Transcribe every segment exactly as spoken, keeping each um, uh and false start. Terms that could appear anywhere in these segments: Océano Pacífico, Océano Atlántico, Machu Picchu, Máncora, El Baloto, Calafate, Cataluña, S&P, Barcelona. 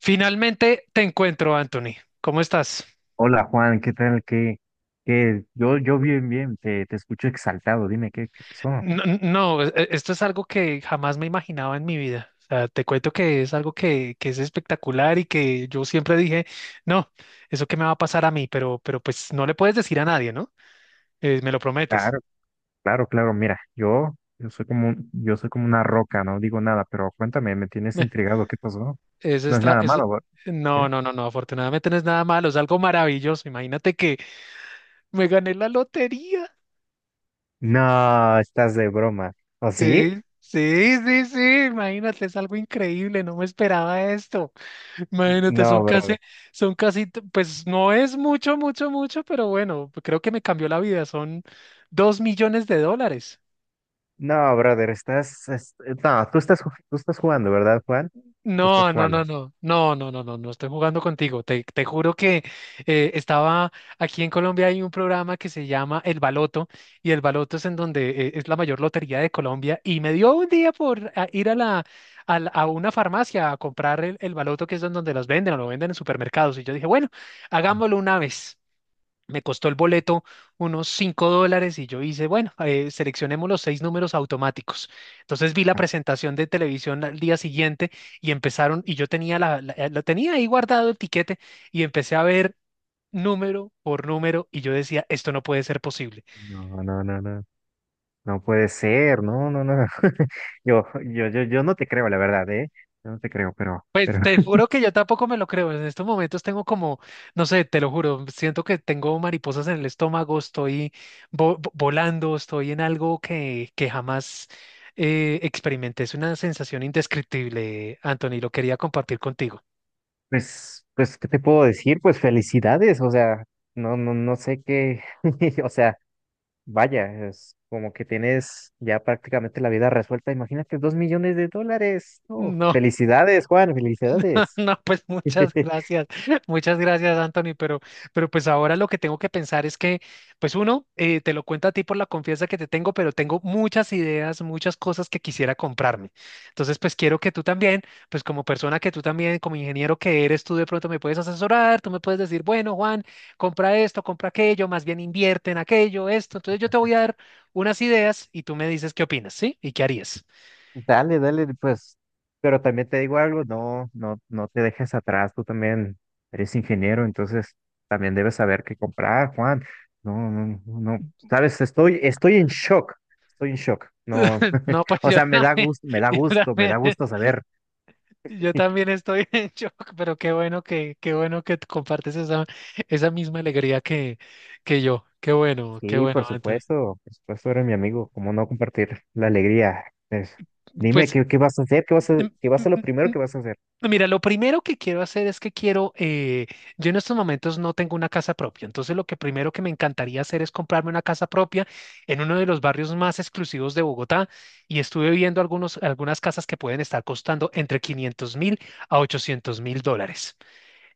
Finalmente te encuentro, Anthony. ¿Cómo estás? Hola Juan, ¿qué tal? ¿Qué, qué? Yo, yo bien, bien, te, te escucho exaltado, dime, ¿qué, qué pasó? No, no, e- esto es algo que jamás me imaginaba en mi vida. O sea, te cuento que es algo que, que es espectacular y que yo siempre dije, no, eso que me va a pasar a mí, pero, pero pues no le puedes decir a nadie, ¿no? Eh, me lo prometes. Claro, claro, claro, mira, yo, yo soy como un- yo soy como una roca, no digo nada, pero cuéntame, me tienes Meh, intrigado, ¿qué pasó? Eso No es está, nada eso- malo, ¿va? No, ¿Qué? no, no, no, afortunadamente no es nada malo, es algo maravilloso. Imagínate que me gané la lotería. No, estás de broma. ¿O sí? Sí, sí, sí, sí, imagínate, es algo increíble, no me esperaba esto. Imagínate, son No, casi, brother. son casi, t- pues no es mucho, mucho, mucho, pero bueno, creo que me cambió la vida. Son dos millones de dólares. No, brother, estás, es- eh, no, tú estás, ju- tú estás jugando, ¿verdad, Juan? Tú estás No, no, no, jugando. no, no, no, no, no, no estoy jugando contigo. Te, te juro que eh, estaba aquí en Colombia. Hay un programa que se llama El Baloto, y El Baloto es en donde, eh, es la mayor lotería de Colombia, y me dio un día por ah, ir a la, a, la- a una farmacia a comprar el, el Baloto, que es en donde los venden, o lo venden en supermercados, y yo dije, bueno, hagámoslo una vez. Me costó el boleto unos cinco dólares, y yo hice, bueno, eh, seleccionemos los seis números automáticos. Entonces vi la presentación de televisión al día siguiente, y empezaron, y yo tenía la, la- eh, lo tenía ahí guardado el tiquete, y empecé a ver número por número, y yo decía, esto no puede ser posible. No, no, no, no. No puede ser, no, no, no. Yo, yo, yo, yo no te creo, la verdad, ¿eh? Yo no te creo, pero, Pues pero, te juro que yo tampoco me lo creo. En estos momentos tengo como, no sé, te lo juro, siento que tengo mariposas en el estómago, estoy vo- vo- volando, estoy en algo que, que jamás eh, experimenté. Es una sensación indescriptible, Anthony, lo quería compartir contigo. pues, pues, ¿qué te puedo decir? Pues felicidades, o sea, no, no, no sé qué, o sea, vaya, es como que tienes ya prácticamente la vida resuelta. Imagínate, dos millones de dólares. No, No. felicidades, Juan, felicidades. No, pues muchas gracias, muchas gracias, Anthony, pero, pero, pues ahora lo que tengo que pensar es que, pues uno, eh, te lo cuento a ti por la confianza que te tengo, pero tengo muchas ideas, muchas cosas que quisiera comprarme. Entonces, pues quiero que tú también, pues como persona, que tú también, como ingeniero que eres, tú de pronto me puedes asesorar, tú me puedes decir, bueno, Juan, compra esto, compra aquello, más bien invierte en aquello, esto. Entonces yo te voy a dar unas ideas y tú me dices qué opinas, ¿sí? ¿Y qué harías? Dale, dale, pues, pero también te digo algo, no, no, no te dejes atrás, tú también eres ingeniero, entonces también debes saber qué comprar, Juan. No, no, no, sabes, estoy, estoy en shock, estoy en shock. No, No, pues o yo sea, me da también, gusto, me da yo gusto, me también. da gusto saber. Yo también estoy en shock, pero qué bueno que, qué bueno que tú compartes esa, esa misma alegría que, que yo. Qué bueno, qué Sí, por bueno, Antonio. supuesto, por supuesto, eres mi amigo, cómo no compartir la alegría. Es- dime, Pues, ¿qué, ¿qué vas a hacer? ¿Qué vas a, mm, ¿qué va a mm, ser lo mm, primero mm, que vas a hacer? mira, lo primero que quiero hacer es que quiero, eh, yo en estos momentos no tengo una casa propia, entonces lo que primero que me encantaría hacer es comprarme una casa propia en uno de los barrios más exclusivos de Bogotá. Y estuve viendo algunos, algunas casas que pueden estar costando entre quinientos mil a ochocientos mil dólares.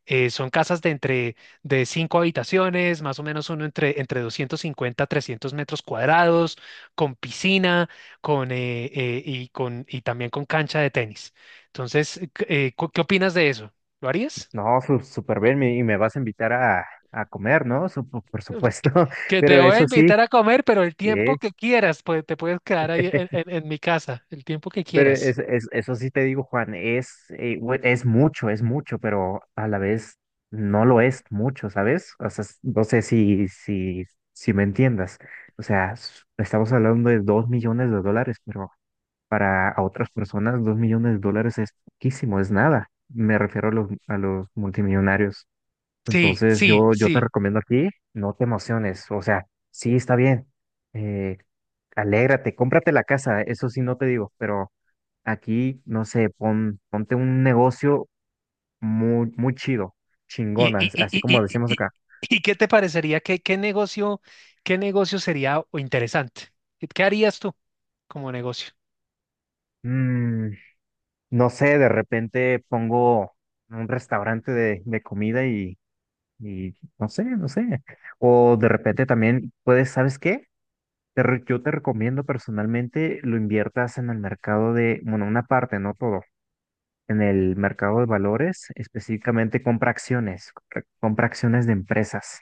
Eh, son casas de entre de cinco habitaciones, más o menos uno entre, entre, doscientos cincuenta a trescientos metros cuadrados, con piscina, con, eh, eh, y, con, y también con cancha de tenis. Entonces, eh, eh, cu- ¿qué opinas de eso? ¿Lo harías? No, su- súper bien, me- y me vas a invitar a, a comer, ¿no? Supo- por supuesto, Que te pero voy a eso sí, invitar a comer, pero el sí, tiempo que quieras, pues te puedes quedar ahí en, en en mi casa, el tiempo que pero quieras. es, es- eso sí te digo, Juan, es, eh, bue- es mucho, es mucho, pero a la vez no lo es mucho, ¿sabes? O sea, s- no sé si, si, si me entiendas. O sea, s- estamos hablando de dos millones de dólares, pero para a otras personas dos millones de dólares es poquísimo, es nada. Me refiero a los, a los multimillonarios. Sí, Entonces sí, yo, yo te sí. recomiendo aquí, no te emociones, o sea, sí está bien, eh, alégrate, cómprate la casa, eso sí no te digo, pero aquí, no sé, pon, ponte un negocio muy, muy chido, ¿Y, chingona, y, as- y, así como y, decimos y, y- acá. y qué te parecería? ¿Qué, qué negocio, qué negocio sería o interesante? ¿Qué qué harías tú como negocio? Mm, no sé, de repente pongo un restaurante de, de comida y, y no sé, no sé, o de repente también puedes, ¿sabes qué? Te re- yo te recomiendo personalmente lo inviertas en el mercado de, bueno, una parte, no todo, en el mercado de valores, específicamente compra acciones, compra compra acciones de empresas.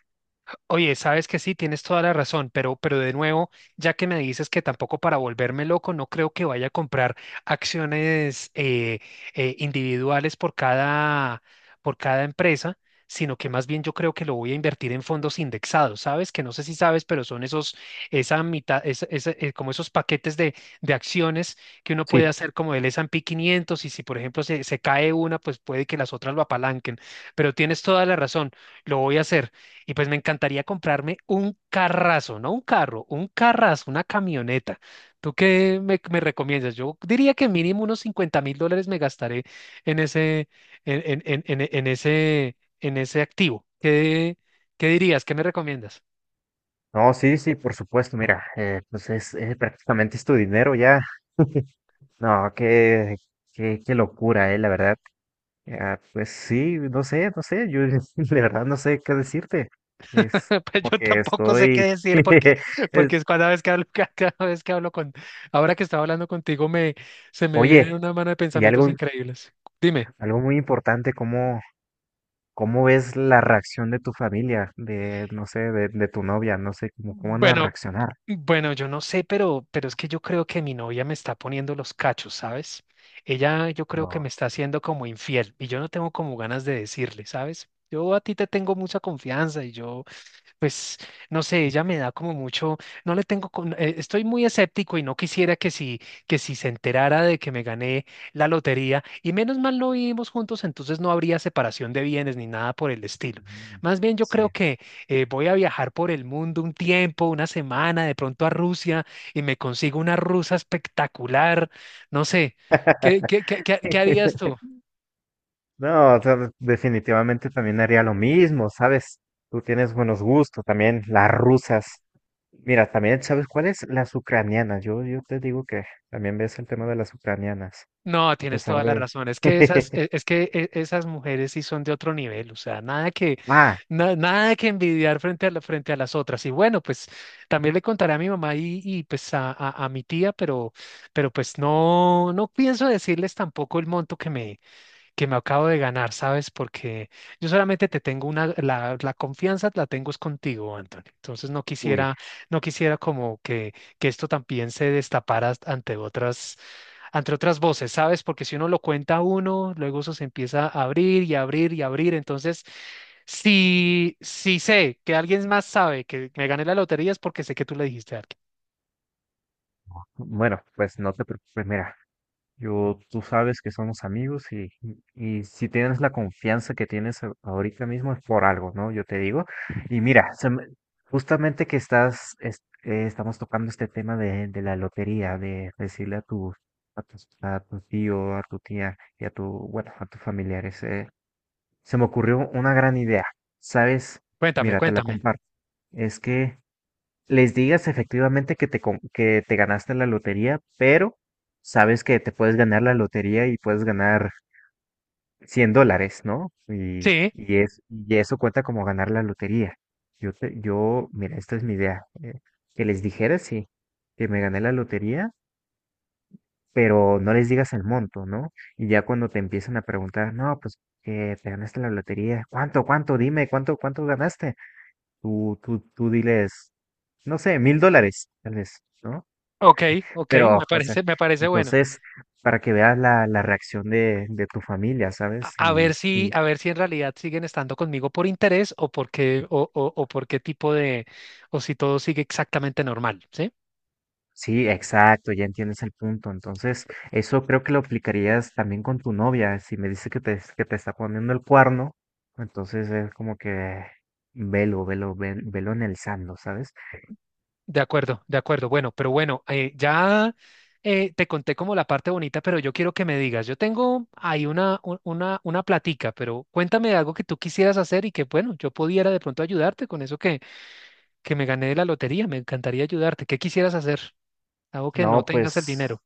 Oye, sabes que sí, tienes toda la razón, pero, pero de nuevo, ya que me dices que tampoco para volverme loco, no creo que vaya a comprar acciones, eh, eh, individuales por cada, por cada empresa, sino que más bien yo creo que lo voy a invertir en fondos indexados, ¿sabes? Que no sé si sabes, pero son esos, esa mitad, esa- esa, eh, como esos paquetes de, de acciones que uno puede Sí. hacer como el S y P quinientos. Y si, por ejemplo, se, se cae una, pues puede que las otras lo apalanquen, pero tienes toda la razón, lo voy a hacer. Y pues me encantaría comprarme un carrazo, no un carro, un carrazo, una camioneta. ¿Tú qué me, me recomiendas? Yo diría que mínimo unos cincuenta mil dólares me gastaré en ese, en, en, en, en- en ese, en ese activo. ¿Qué, qué dirías? ¿Qué me recomiendas? No, sí, sí, por supuesto, mira, eh, pues es, eh, prácticamente es tu dinero ya. No, qué, qué, qué locura, eh, la verdad. Ah, pues sí, no sé, no sé, yo de verdad no sé qué decirte. Es Pues yo porque tampoco sé qué estoy... decir porque, es- porque es cada vez que hablo, cada vez que hablo con, ahora que estaba hablando contigo, me, se me vienen oye, una mano de y pensamientos algo, increíbles. Dime. algo muy importante, como ¿cómo ves la reacción de tu familia, de, no sé, de, de tu novia? No sé, cómo, cómo Mm. van a Bueno. reaccionar. Bueno, yo no sé, pero, pero es que yo creo que mi novia me está poniendo los cachos, ¿sabes? Ella, yo creo que No. me está haciendo como infiel, y yo no tengo como ganas de decirle, ¿sabes? Yo a ti te tengo mucha confianza y yo, pues no sé, ella me da como mucho, no le tengo, con- eh, estoy muy escéptico, y no quisiera que si, que si, se enterara de que me gané la lotería. Y menos mal lo vivimos juntos, entonces no habría separación de bienes ni nada por el estilo. Ujú. Más bien yo creo Sí. que eh, voy a viajar por el mundo un tiempo, una semana, de pronto a Rusia, y me consigo una rusa espectacular, no sé, ¿qué, qué, qué, qué qué harías tú? No, o sea, de- definitivamente también haría lo mismo, ¿sabes? Tú tienes buenos gustos también, las rusas. Mira, también, ¿sabes cuáles? Las ucranianas. Yo, yo te digo que también ves el tema de las ucranianas, No, a tienes pesar toda la de... razón. Es que esas, e- es que e- esas mujeres sí son de otro nivel. O sea, nada que, Ah, na- nada que envidiar frente a la- frente a las otras. Y bueno, pues también le contaré a mi mamá, y, y, pues a, a, a mi tía, pero, pero, pues no, no pienso decirles tampoco el monto que me, que me acabo de ganar, ¿sabes? Porque yo solamente te tengo una, la, la confianza. La tengo es contigo, Anthony. Entonces no uy. quisiera, no quisiera como que, que esto también se destapara as- ante otras, ante otras voces, ¿sabes? Porque si uno lo cuenta a uno, luego eso se empieza a abrir y abrir y abrir. Entonces, si, si sé que alguien más sabe que me gané la lotería, es porque sé que tú le dijiste a alguien. Bueno, pues no te preocupes, mira. Yo, tú sabes que somos amigos y, y si tienes la confianza que tienes a- ahorita mismo es por algo, ¿no? Yo te digo. Y mira, se me- justamente que estás, es- eh, estamos tocando este tema de, de la lotería, de decirle a tu, a tus- a tu tío, a tu tía y a tu, bueno, a tus familiares. Eh, se me ocurrió una gran idea, ¿sabes? Cuéntame, Mira, te la cuéntame. comparto. Es que les digas efectivamente que te, com- que te ganaste la lotería, pero sabes que te puedes ganar la lotería y puedes ganar cien dólares, ¿no? Y, Sí, y, es, Y eso cuenta como ganar la lotería. Yo, te- yo, mira, esta es mi idea. Eh, que les dijeras, sí, que me gané la lotería, pero no les digas el monto, ¿no? Y ya cuando te empiezan a preguntar, no, pues que te ganaste la lotería, ¿cuánto, cuánto? Dime, ¿cuánto, cuánto ganaste? Tú, tú, tú diles, no sé, mil dólares, tal vez, ¿no? ok, ok, Pero, me o sea, parece, me parece bueno. entonces, para que veas la, la reacción de, de tu familia, a ¿sabes? a ver Y, si, y a ver si en realidad siguen estando conmigo por interés, o por qué, o, o, o por qué tipo de, o si todo sigue exactamente normal, ¿sí? sí, exacto, ya entiendes el punto. Entonces, eso creo que lo aplicarías también con tu novia. Si me dice que te, que te está poniendo el cuerno, entonces es como que velo, velo, ve- velo en el sando, ¿sabes? De acuerdo, de acuerdo. Bueno, pero bueno, eh, ya eh, te conté como la parte bonita, pero yo quiero que me digas, yo tengo ahí una, un- una, una platica, pero cuéntame algo que tú quisieras hacer, y que, bueno, yo pudiera de pronto ayudarte con eso que, que me gané de la lotería, me encantaría ayudarte. ¿Qué quisieras hacer? Algo que no No, tengas el pues, dinero.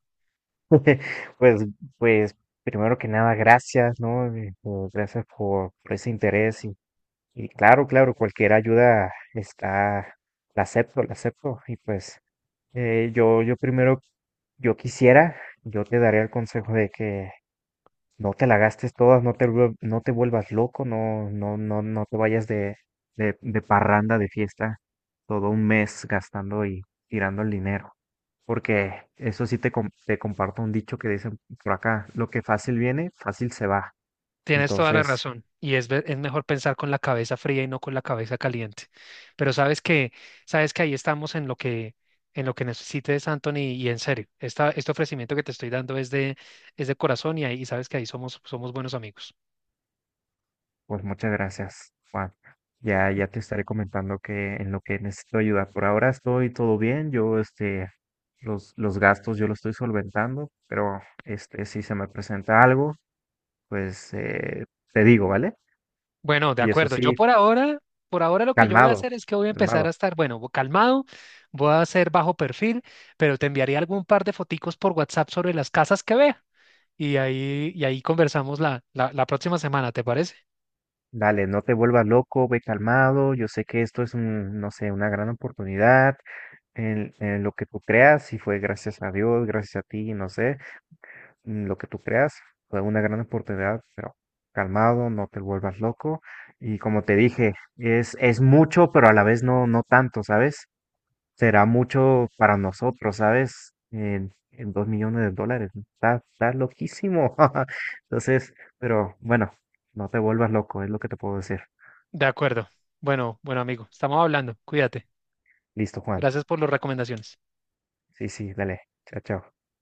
pues, pues, primero que nada, gracias, ¿no? Eh, por- gracias por, por ese interés. Y claro, claro, cualquier ayuda está, la acepto, la acepto. Y pues eh, yo, yo primero, yo quisiera, yo te daría el consejo de que no te la gastes todas, no te, vuel- no te vuelvas loco, no, no, no, no te vayas de, de, de parranda, de fiesta, todo un mes gastando y tirando el dinero. Porque eso sí te, com- te comparto un dicho que dicen por acá, lo que fácil viene, fácil se va. Tienes toda la Entonces, razón, y es, ve- es mejor pensar con la cabeza fría y no con la cabeza caliente. Pero sabes que, sabes que ahí estamos en lo que, en lo que, necesites, Anthony, y en serio, esta, este ofrecimiento que te estoy dando es de, es de corazón, y, ahí, y sabes que ahí somos, somos, buenos amigos. pues muchas gracias, Juan. Ya, ya te estaré comentando que en lo que necesito ayuda. Por ahora estoy todo bien. Yo, este, los, los gastos yo los estoy solventando, pero este, si se me presenta algo, pues eh, te digo, ¿vale? Bueno, de Y eso acuerdo. Yo sí, por ahora, por ahora lo que yo voy a calmado, hacer es que voy a calmado. empezar a estar, bueno, calmado, voy a hacer bajo perfil, pero te enviaré algún par de foticos por WhatsApp sobre las casas que vea, y ahí, y ahí conversamos la, la, la próxima semana, ¿te parece? Dale, no te vuelvas loco, ve calmado. Yo sé que esto es un, no sé, una gran oportunidad en, en lo que tú creas, si fue gracias a Dios, gracias a ti, no sé. Mm, lo que tú creas fue una gran oportunidad, pero calmado, no te vuelvas loco. Y como te dije, es, es mucho, pero a la vez no, no tanto, ¿sabes? Será mucho para nosotros, ¿sabes? En, en dos millones de dólares. ¿No? Está, está loquísimo. Entonces, pero bueno, no te vuelvas loco, es lo que te puedo decir. De acuerdo. Bueno, bueno, amigo, estamos hablando. Cuídate. Listo, Juan. Gracias por las recomendaciones. Sí, sí, dale. Chao, chao.